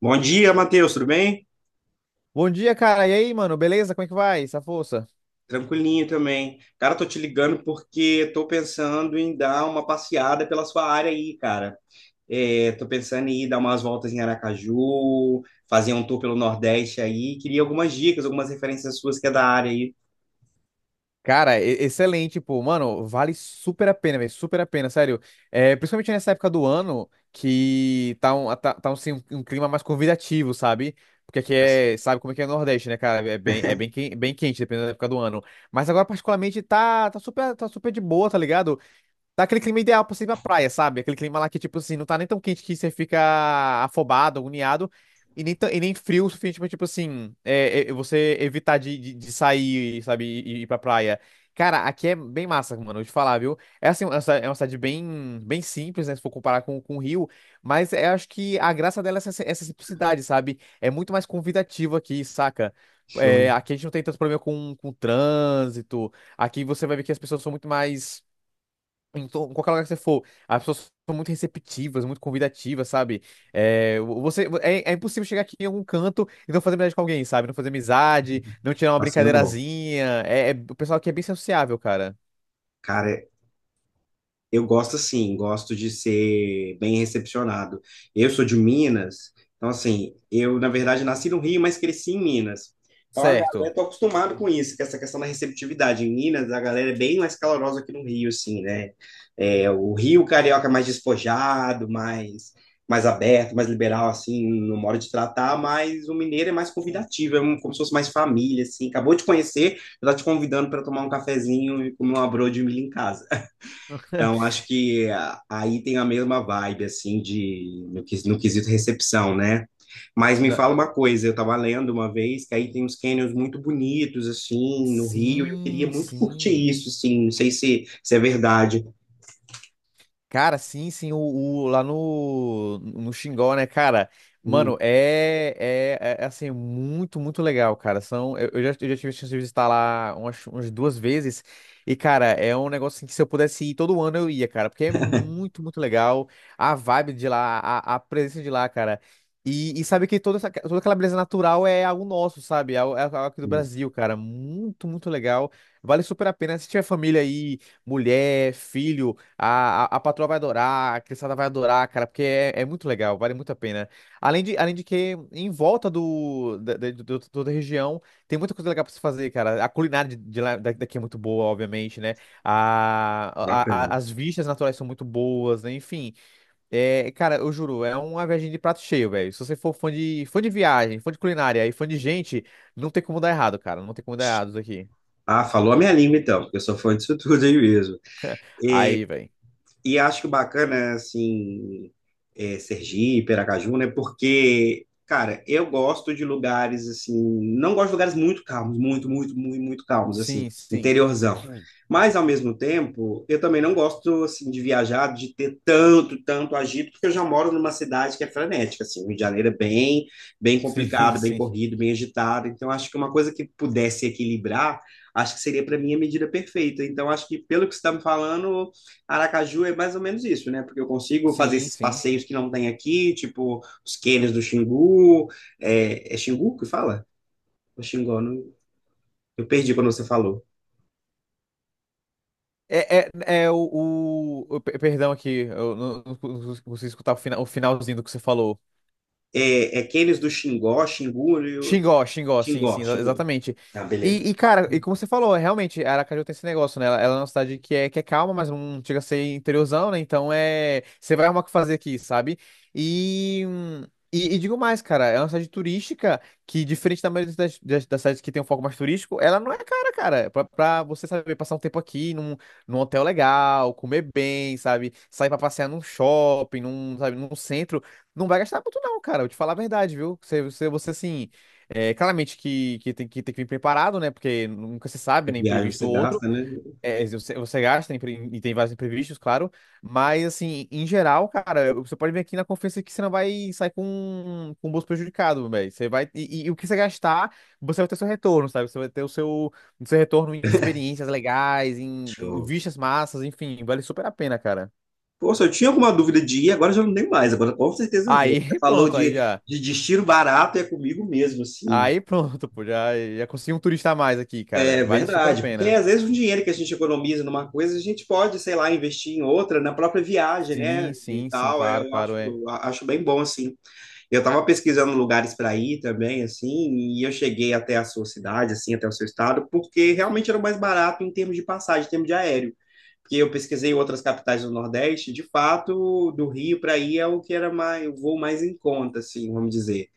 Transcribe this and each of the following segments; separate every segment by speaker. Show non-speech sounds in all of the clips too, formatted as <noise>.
Speaker 1: Bom dia, Matheus, tudo bem?
Speaker 2: Bom dia, cara. E aí, mano? Beleza? Como é que vai? Essa força?
Speaker 1: Tranquilinho também. Cara, tô te ligando porque tô pensando em dar uma passeada pela sua área aí, cara. É, tô pensando em ir dar umas voltas em Aracaju, fazer um tour pelo Nordeste aí. Queria algumas dicas, algumas referências suas que é da área aí.
Speaker 2: Cara, excelente, pô. Mano, vale super a pena, velho. Super a pena, sério. É, principalmente nessa época do ano que tá um, assim, um clima mais convidativo, sabe? Porque aqui é, sabe como é que é o Nordeste, né, cara? É bem, bem quente, dependendo da época do ano. Mas agora, particularmente, tá super de boa, tá ligado? Tá aquele clima ideal pra você ir pra praia, sabe? Aquele clima lá que, tipo assim, não tá nem tão quente que você fica afobado, agoniado, e nem frio o suficiente pra, tipo assim, você evitar de sair, sabe, e ir pra praia. Cara, aqui é bem massa, mano, vou te falar, viu? É assim, essa é uma cidade bem, bem simples, né? Se for comparar com o Rio, mas eu acho que a graça dela é essa simplicidade, sabe? É muito mais convidativo aqui, saca? É,
Speaker 1: Show.
Speaker 2: aqui a gente não tem tanto problema com trânsito. Aqui você vai ver que as pessoas são muito mais em qualquer lugar que você for, as pessoas são muito receptivas, muito convidativas, sabe? É, você, é impossível chegar aqui em algum canto e não fazer amizade com alguém, sabe? Não fazer amizade, não tirar uma
Speaker 1: Passeio é bom.
Speaker 2: brincadeirazinha. O pessoal aqui é bem sociável, cara.
Speaker 1: Cara, eu gosto assim, gosto de ser bem recepcionado. Eu sou de Minas, então assim, eu na verdade nasci no Rio, mas cresci em Minas. Então a galera,
Speaker 2: Certo.
Speaker 1: tô acostumado com isso, com essa questão da receptividade. Em Minas, a galera é bem mais calorosa que no Rio, assim, né? É, o Rio carioca é mais despojado, mais, mais aberto, mais liberal, assim, no modo de tratar, mas o mineiro é mais
Speaker 2: Hum.
Speaker 1: convidativo, é um- como se fosse mais família, assim. Acabou de conhecer, já tá te convidando para tomar um cafezinho e comer uma broa de milho em casa. Então,
Speaker 2: <laughs>
Speaker 1: acho que aí tem a mesma vibe, assim, de, no, no quesito recepção, né? Mas me
Speaker 2: Na-
Speaker 1: fala uma coisa, eu estava lendo uma vez que aí tem uns canyons muito bonitos, assim, no Rio, e eu queria
Speaker 2: Sim,
Speaker 1: muito curtir
Speaker 2: sim.
Speaker 1: isso, assim, não sei se, se é verdade.
Speaker 2: Cara, sim, sim, lá no Xingó, né, cara?
Speaker 1: Hum,
Speaker 2: Mano, assim, muito, muito legal, cara. São, eu já tive a chance de visitar lá umas duas vezes. E, cara, é um negócio assim, que se eu pudesse ir todo ano eu ia, cara, porque é muito, muito legal. A vibe de lá, a presença de lá, cara. E sabe que toda, essa, toda aquela beleza natural é algo nosso, sabe? É algo aqui do
Speaker 1: hum,
Speaker 2: Brasil, cara. Muito, muito legal. Vale super a pena. Se tiver família aí, mulher, filho, a patroa vai adorar, a criançada vai adorar, cara, porque é muito legal, vale muito a pena. Além de que, em volta do, da, da, do- do- toda a região, tem muita coisa legal pra se fazer, cara. A culinária de lá, daqui é muito boa, obviamente, né? A, a,
Speaker 1: bacana.
Speaker 2: a- as vistas naturais são muito boas, né? Enfim, é, cara, eu juro, é uma viagem de prato cheio, velho. Se você for fã de viagem, fã de culinária e fã de gente, não tem como dar errado, cara. Não tem como dar errado isso aqui.
Speaker 1: Ah, falou a minha língua, então, porque eu sou fã disso <laughs> tudo aí mesmo.
Speaker 2: Aí, velho.
Speaker 1: E acho que o bacana, assim, é, Sergipe, Aracaju, né? Porque, cara, eu gosto de lugares, assim, não gosto de lugares muito calmos, muito calmos, assim,
Speaker 2: Sim, sim.
Speaker 1: interiorzão. Mas, ao mesmo tempo, eu também não gosto, assim, de viajar, de ter tanto agito, porque eu já moro numa cidade que é frenética, assim, o Rio de Janeiro é bem, bem
Speaker 2: Sim, <laughs>
Speaker 1: complicado, bem
Speaker 2: sim.
Speaker 1: corrido, bem agitado. Então, acho que uma coisa que pudesse equilibrar, acho que seria, para mim, a medida perfeita. Então, acho que, pelo que você está me falando, Aracaju é mais ou menos isso, né? Porque eu consigo fazer
Speaker 2: Sim,
Speaker 1: esses
Speaker 2: sim.
Speaker 1: passeios que não tem aqui, tipo os cânions do Xingu. É, é Xingu que fala? O Xingó, eu perdi quando você falou.
Speaker 2: É, é, é o, Perdão aqui, eu não consegui escutar o finalzinho do que você falou.
Speaker 1: É, é cânions do Xingó,
Speaker 2: Xingó, Xingó, sim,
Speaker 1: Xingó,
Speaker 2: sim, exa-
Speaker 1: Xingó.
Speaker 2: exatamente.
Speaker 1: Tá, beleza.
Speaker 2: E, cara, e como você falou, realmente, Aracaju tem esse negócio, né? Ela é uma cidade que é calma, mas não chega a ser interiorzão, né? Então é. Você vai arrumar o que fazer aqui, sabe? E, hum, e digo mais, cara, é uma cidade turística que, diferente da maioria das cidades que tem um foco mais turístico, ela não é cara, cara. Pra você saber passar um tempo aqui num hotel legal, comer bem, sabe? Sair pra passear num shopping, num, sabe, num centro. Não vai gastar muito, não, cara. Eu te falar a verdade, viu? Você assim. É, claramente que tem que vir preparado, né? Porque nunca se sabe,
Speaker 1: Qualquer
Speaker 2: né?
Speaker 1: viagem
Speaker 2: Imprevisto
Speaker 1: você
Speaker 2: ou outro.
Speaker 1: gasta, né?
Speaker 2: É, você gasta e tem vários imprevistos, claro. Mas, assim, em geral, cara, você pode vir aqui na confiança que você não vai sair com o bolso prejudicado, velho. Você vai. O que você gastar, você vai ter seu retorno, sabe? Você vai ter o seu retorno em experiências legais, em
Speaker 1: Show.
Speaker 2: vistas massas, enfim, vale super a pena, cara.
Speaker 1: Poxa, eu tinha alguma dúvida de ir, agora eu já não tenho mais. Agora com certeza eu
Speaker 2: Aí,
Speaker 1: vou. Você
Speaker 2: <laughs>
Speaker 1: falou
Speaker 2: pronto, aí já.
Speaker 1: de destino barato, é comigo mesmo, assim.
Speaker 2: Aí pronto, pô, já consegui um turista a mais aqui, cara.
Speaker 1: É
Speaker 2: Vale super a
Speaker 1: verdade, porque
Speaker 2: pena.
Speaker 1: às vezes o dinheiro que a gente economiza numa coisa, a gente pode, sei lá, investir em outra, na própria viagem, né?
Speaker 2: Sim,
Speaker 1: E
Speaker 2: sim, sim,
Speaker 1: tal, é,
Speaker 2: claro,
Speaker 1: eu acho,
Speaker 2: claro, é.
Speaker 1: acho bem bom, assim. Eu estava pesquisando lugares para ir também, assim, e eu cheguei até a sua cidade, assim, até o seu estado, porque realmente era o mais barato em termos de passagem, em termos de aéreo. Porque eu pesquisei outras capitais do Nordeste, de fato, do Rio para ir é o que era mais, o voo mais em conta, assim, vamos dizer.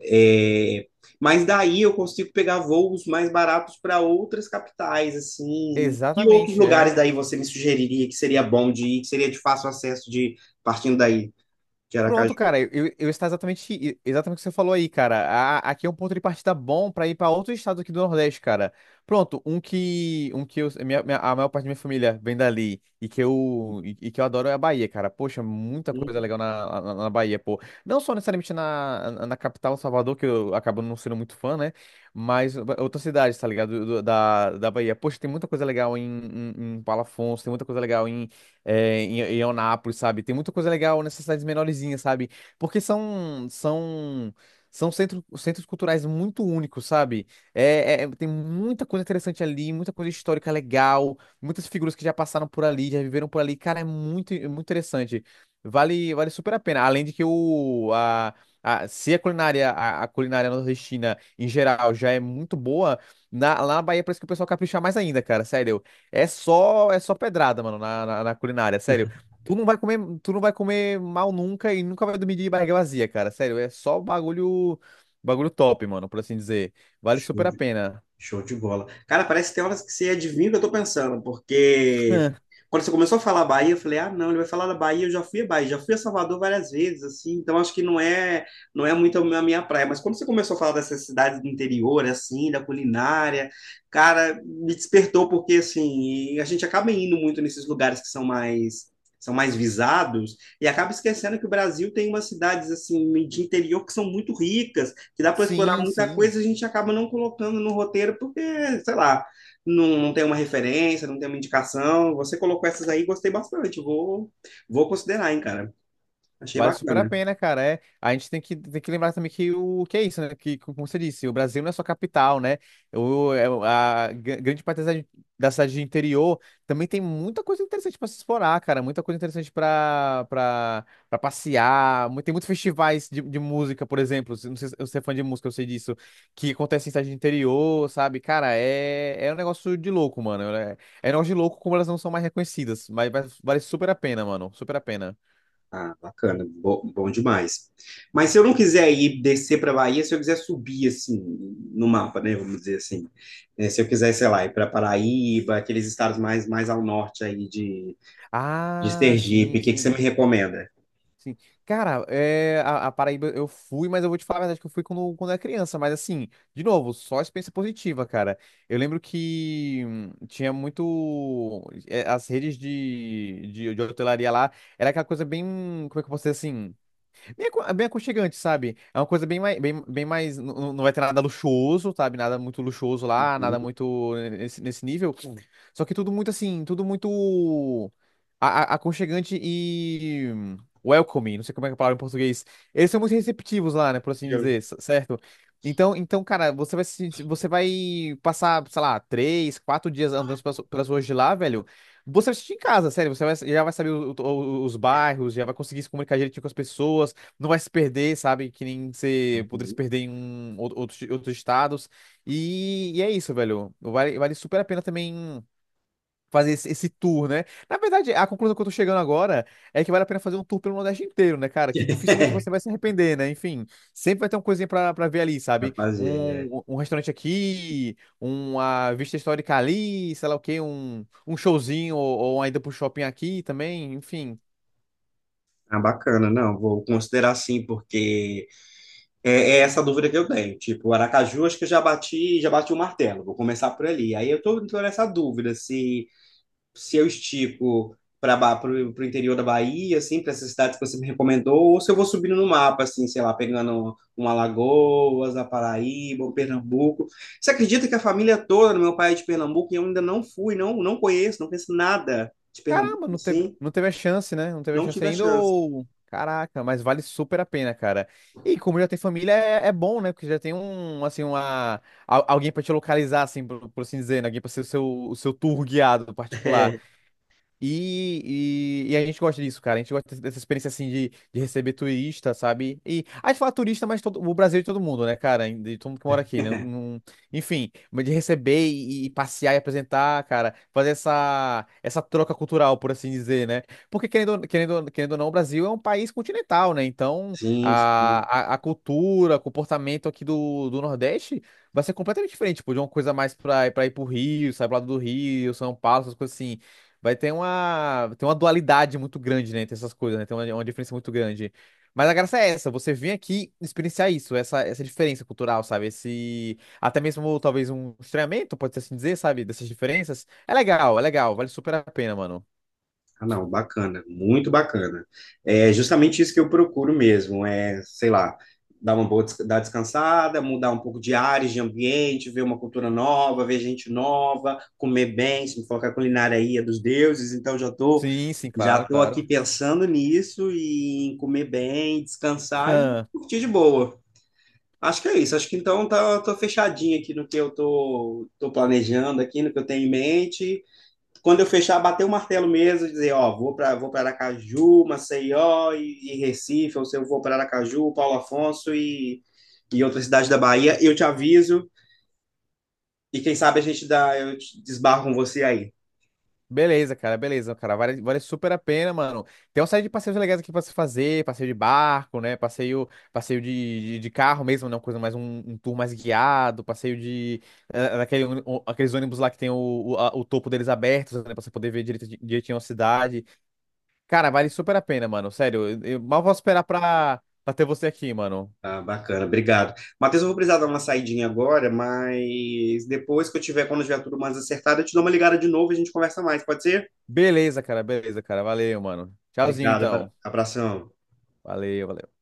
Speaker 1: É, mas daí eu consigo pegar voos mais baratos para outras capitais, assim. Que outros
Speaker 2: Exatamente,
Speaker 1: lugares
Speaker 2: é.
Speaker 1: daí você me sugeriria que seria bom de ir, que seria de fácil acesso de partindo daí de
Speaker 2: Pronto,
Speaker 1: Aracaju?
Speaker 2: cara, eu está exatamente, exatamente o que você falou aí, cara. Aqui é um ponto de partida bom pra ir pra outros estados aqui do Nordeste, cara. Pronto, um que a maior parte da minha família vem dali e que eu adoro é a Bahia, cara. Poxa, muita coisa
Speaker 1: Hum,
Speaker 2: legal na Bahia, pô. Não só necessariamente na capital, Salvador, que eu acabo não sendo muito fã, né? Mas outras cidades, tá ligado? Da Bahia. Poxa, tem muita coisa legal em Palafox, tem muita coisa legal em Eunápolis, sabe? Tem muita coisa legal nessas cidades menorzinhas, sabe? Porque são centros culturais muito únicos, sabe? Tem muita coisa interessante ali, muita coisa histórica legal, muitas figuras que já passaram por ali, já viveram por ali. Cara, é muito interessante. Vale super a pena. Além de que o, a- se a culinária, a culinária nordestina em geral já é muito boa, lá na Bahia parece que o pessoal capricha mais ainda, cara. Sério. É só pedrada, mano, na culinária, sério. Tu não vai comer mal nunca e nunca vai dormir de barriga vazia, cara. Sério, é só bagulho top, mano, por assim dizer. Vale super a pena.
Speaker 1: Show de bola. Cara, parece que tem horas que você adivinha o que eu tô pensando, porque quando você começou a falar Bahia, eu falei, ah, não, ele vai falar da Bahia, eu já fui a Bahia, já fui a Salvador várias vezes, assim, então acho que não é, não é muito a minha praia. Mas quando você começou a falar dessas cidades do interior, assim, da culinária, cara, me despertou porque assim, a gente acaba indo muito nesses lugares que são mais visados e acaba esquecendo que o Brasil tem umas cidades assim de interior que são muito ricas que dá para explorar
Speaker 2: Sim,
Speaker 1: muita
Speaker 2: sim.
Speaker 1: coisa, a gente acaba não colocando no roteiro porque, sei lá, não, não tem uma referência, não tem uma indicação. Você colocou essas aí, gostei bastante. Vou, vou considerar, hein, cara. Achei
Speaker 2: Vale super a
Speaker 1: bacana.
Speaker 2: pena, cara. É, a gente tem que, lembrar também que o que é isso, né? Que, como você disse, o Brasil não é só capital, né? A grande parte da cidade de interior também tem muita coisa interessante para se explorar, cara. Muita coisa interessante para passear. Tem muitos festivais de música, por exemplo. Não sei se você é fã de música, eu sei disso. Que acontece em cidade de interior, sabe? Cara, é um negócio de louco, mano. É um negócio de louco como elas não são mais reconhecidas. Mas vale super a pena, mano. Super a pena.
Speaker 1: Ah, bacana, bom, bom demais. Mas se eu não quiser ir descer para Bahia, se eu quiser subir assim no mapa, né, vamos dizer assim, né, se eu quiser, sei lá, ir para Paraíba, aqueles estados mais ao norte aí de
Speaker 2: Ah, sim,
Speaker 1: Sergipe, o que que você me
Speaker 2: sim,
Speaker 1: recomenda?
Speaker 2: sim. Cara, a Paraíba eu fui, mas eu vou te falar a verdade que eu fui quando era criança. Mas assim, de novo, só experiência positiva, cara. Eu lembro que tinha muito. As redes de hotelaria lá era aquela coisa bem. Como é que eu posso dizer assim? Bem, bem aconchegante, sabe? É uma coisa bem mais. Não vai ter nada luxuoso, sabe? Nada muito luxuoso lá, nada
Speaker 1: Uhum.
Speaker 2: muito nesse nível. Sim. Só que tudo muito assim, tudo muito a- aconchegante e welcoming. Não sei como é que é a palavra em português. Eles são muito receptivos lá, né? Por assim dizer, certo? Então, cara, você vai, se- você vai passar, sei lá, três, quatro dias andando pelas ruas de lá, velho. Você vai se sentir em casa, sério. Já vai saber os bairros, já vai conseguir se comunicar direitinho com as pessoas, não vai se perder, sabe? Que nem você poderia se perder em outros estados. E é isso, velho. Vale super a pena também fazer esse, tour, né? Na verdade, a conclusão que eu tô chegando agora é que vale a pena fazer um tour pelo Nordeste inteiro, né, cara? Que dificilmente você vai
Speaker 1: <laughs>
Speaker 2: se arrepender, né? Enfim, sempre vai ter uma coisinha pra ver ali,
Speaker 1: Pra
Speaker 2: sabe?
Speaker 1: fazer, né?
Speaker 2: Um restaurante aqui, uma vista histórica ali, sei lá o quê, um showzinho ou ainda pro shopping aqui também, enfim.
Speaker 1: Ah, bacana, não, vou considerar sim, porque é, é essa dúvida que eu tenho. Tipo, o Aracaju, acho que eu já bati o martelo, vou começar por ali. Aí eu tô, tô nessa dúvida se, se eu estico para o interior da Bahia, assim, para essas cidades que você me recomendou, ou se eu vou subindo no mapa, assim, sei lá, pegando um Alagoas, a Paraíba, um Pernambuco. Você acredita que a família toda do meu pai é de Pernambuco e eu ainda não fui, não, não conheço, não conheço nada de
Speaker 2: Caramba,
Speaker 1: Pernambuco,
Speaker 2: não teve,
Speaker 1: assim,
Speaker 2: não teve a chance, né? Não teve a
Speaker 1: não
Speaker 2: chance
Speaker 1: tive a
Speaker 2: ainda
Speaker 1: chance. <laughs>
Speaker 2: ou... Caraca, mas vale super a pena, cara. E como já tem família, é bom, né? Porque já tem um, assim, Alguém pra te localizar, assim, por assim dizer, né? Alguém pra ser o seu tour guiado particular.
Speaker 1: É,
Speaker 2: E a gente gosta disso, cara. A gente gosta dessa experiência assim de receber turista, sabe? E a gente fala turista, mas o Brasil é de todo mundo, né, cara? De todo mundo que mora aqui, né? Enfim, mas de receber e passear e apresentar, cara, fazer essa troca cultural, por assim dizer, né? Porque querendo, querendo ou não, o Brasil é um país continental, né? Então
Speaker 1: sim, sim.
Speaker 2: a cultura, o comportamento aqui do Nordeste vai ser completamente diferente, tipo, de uma coisa mais pra ir pro Rio, sair pro lado do Rio, São Paulo, essas coisas assim. Vai ter uma dualidade muito grande, né, entre essas coisas, né? Tem uma diferença muito grande. Mas a graça é essa, você vem aqui experienciar isso, essa diferença cultural, sabe? Esse, até mesmo talvez um estranhamento, pode ser assim dizer, sabe? Dessas diferenças. É legal, vale super a pena, mano.
Speaker 1: Ah, não, bacana, muito bacana. É justamente isso que eu procuro mesmo, é, sei lá, dar uma boa, dar descansada, mudar um pouco de áreas, de ambiente, ver uma cultura nova, ver gente nova, comer bem, se me for que a culinária aí é dos deuses, então
Speaker 2: Sim, sim,
Speaker 1: já
Speaker 2: claro,
Speaker 1: tô
Speaker 2: claro.
Speaker 1: aqui pensando nisso e em comer bem, descansar e
Speaker 2: <laughs>
Speaker 1: curtir de boa. Acho que é isso, acho que então tá, tô fechadinho aqui no que eu tô, tô planejando aqui, no que eu tenho em mente quando eu fechar, bater o martelo mesmo, dizer, ó, vou para Aracaju, Maceió e Recife, ou se eu vou para Aracaju, Paulo Afonso e outras cidades da Bahia, eu te aviso e quem sabe a gente dá, eu desbarro com você aí.
Speaker 2: Beleza, cara, beleza, cara. Vale super a pena, mano. Tem uma série de passeios legais aqui pra se fazer, passeio de barco, né? Passeio de carro mesmo, né? Uma coisa mais um tour mais guiado, passeio de aqueles ônibus lá que tem o topo deles abertos, né? Pra você poder ver direitinho a cidade. Cara, vale super a pena, mano. Sério, eu mal posso esperar pra ter você aqui, mano.
Speaker 1: Ah, bacana, obrigado. Matheus, eu vou precisar dar uma saidinha agora, mas depois que eu tiver, quando eu tiver tudo mais acertado, eu te dou uma ligada de novo e a gente conversa mais, pode ser?
Speaker 2: Beleza, cara, beleza, cara. Valeu, mano. Tchauzinho,
Speaker 1: Obrigado,
Speaker 2: então.
Speaker 1: abração.
Speaker 2: Valeu, valeu.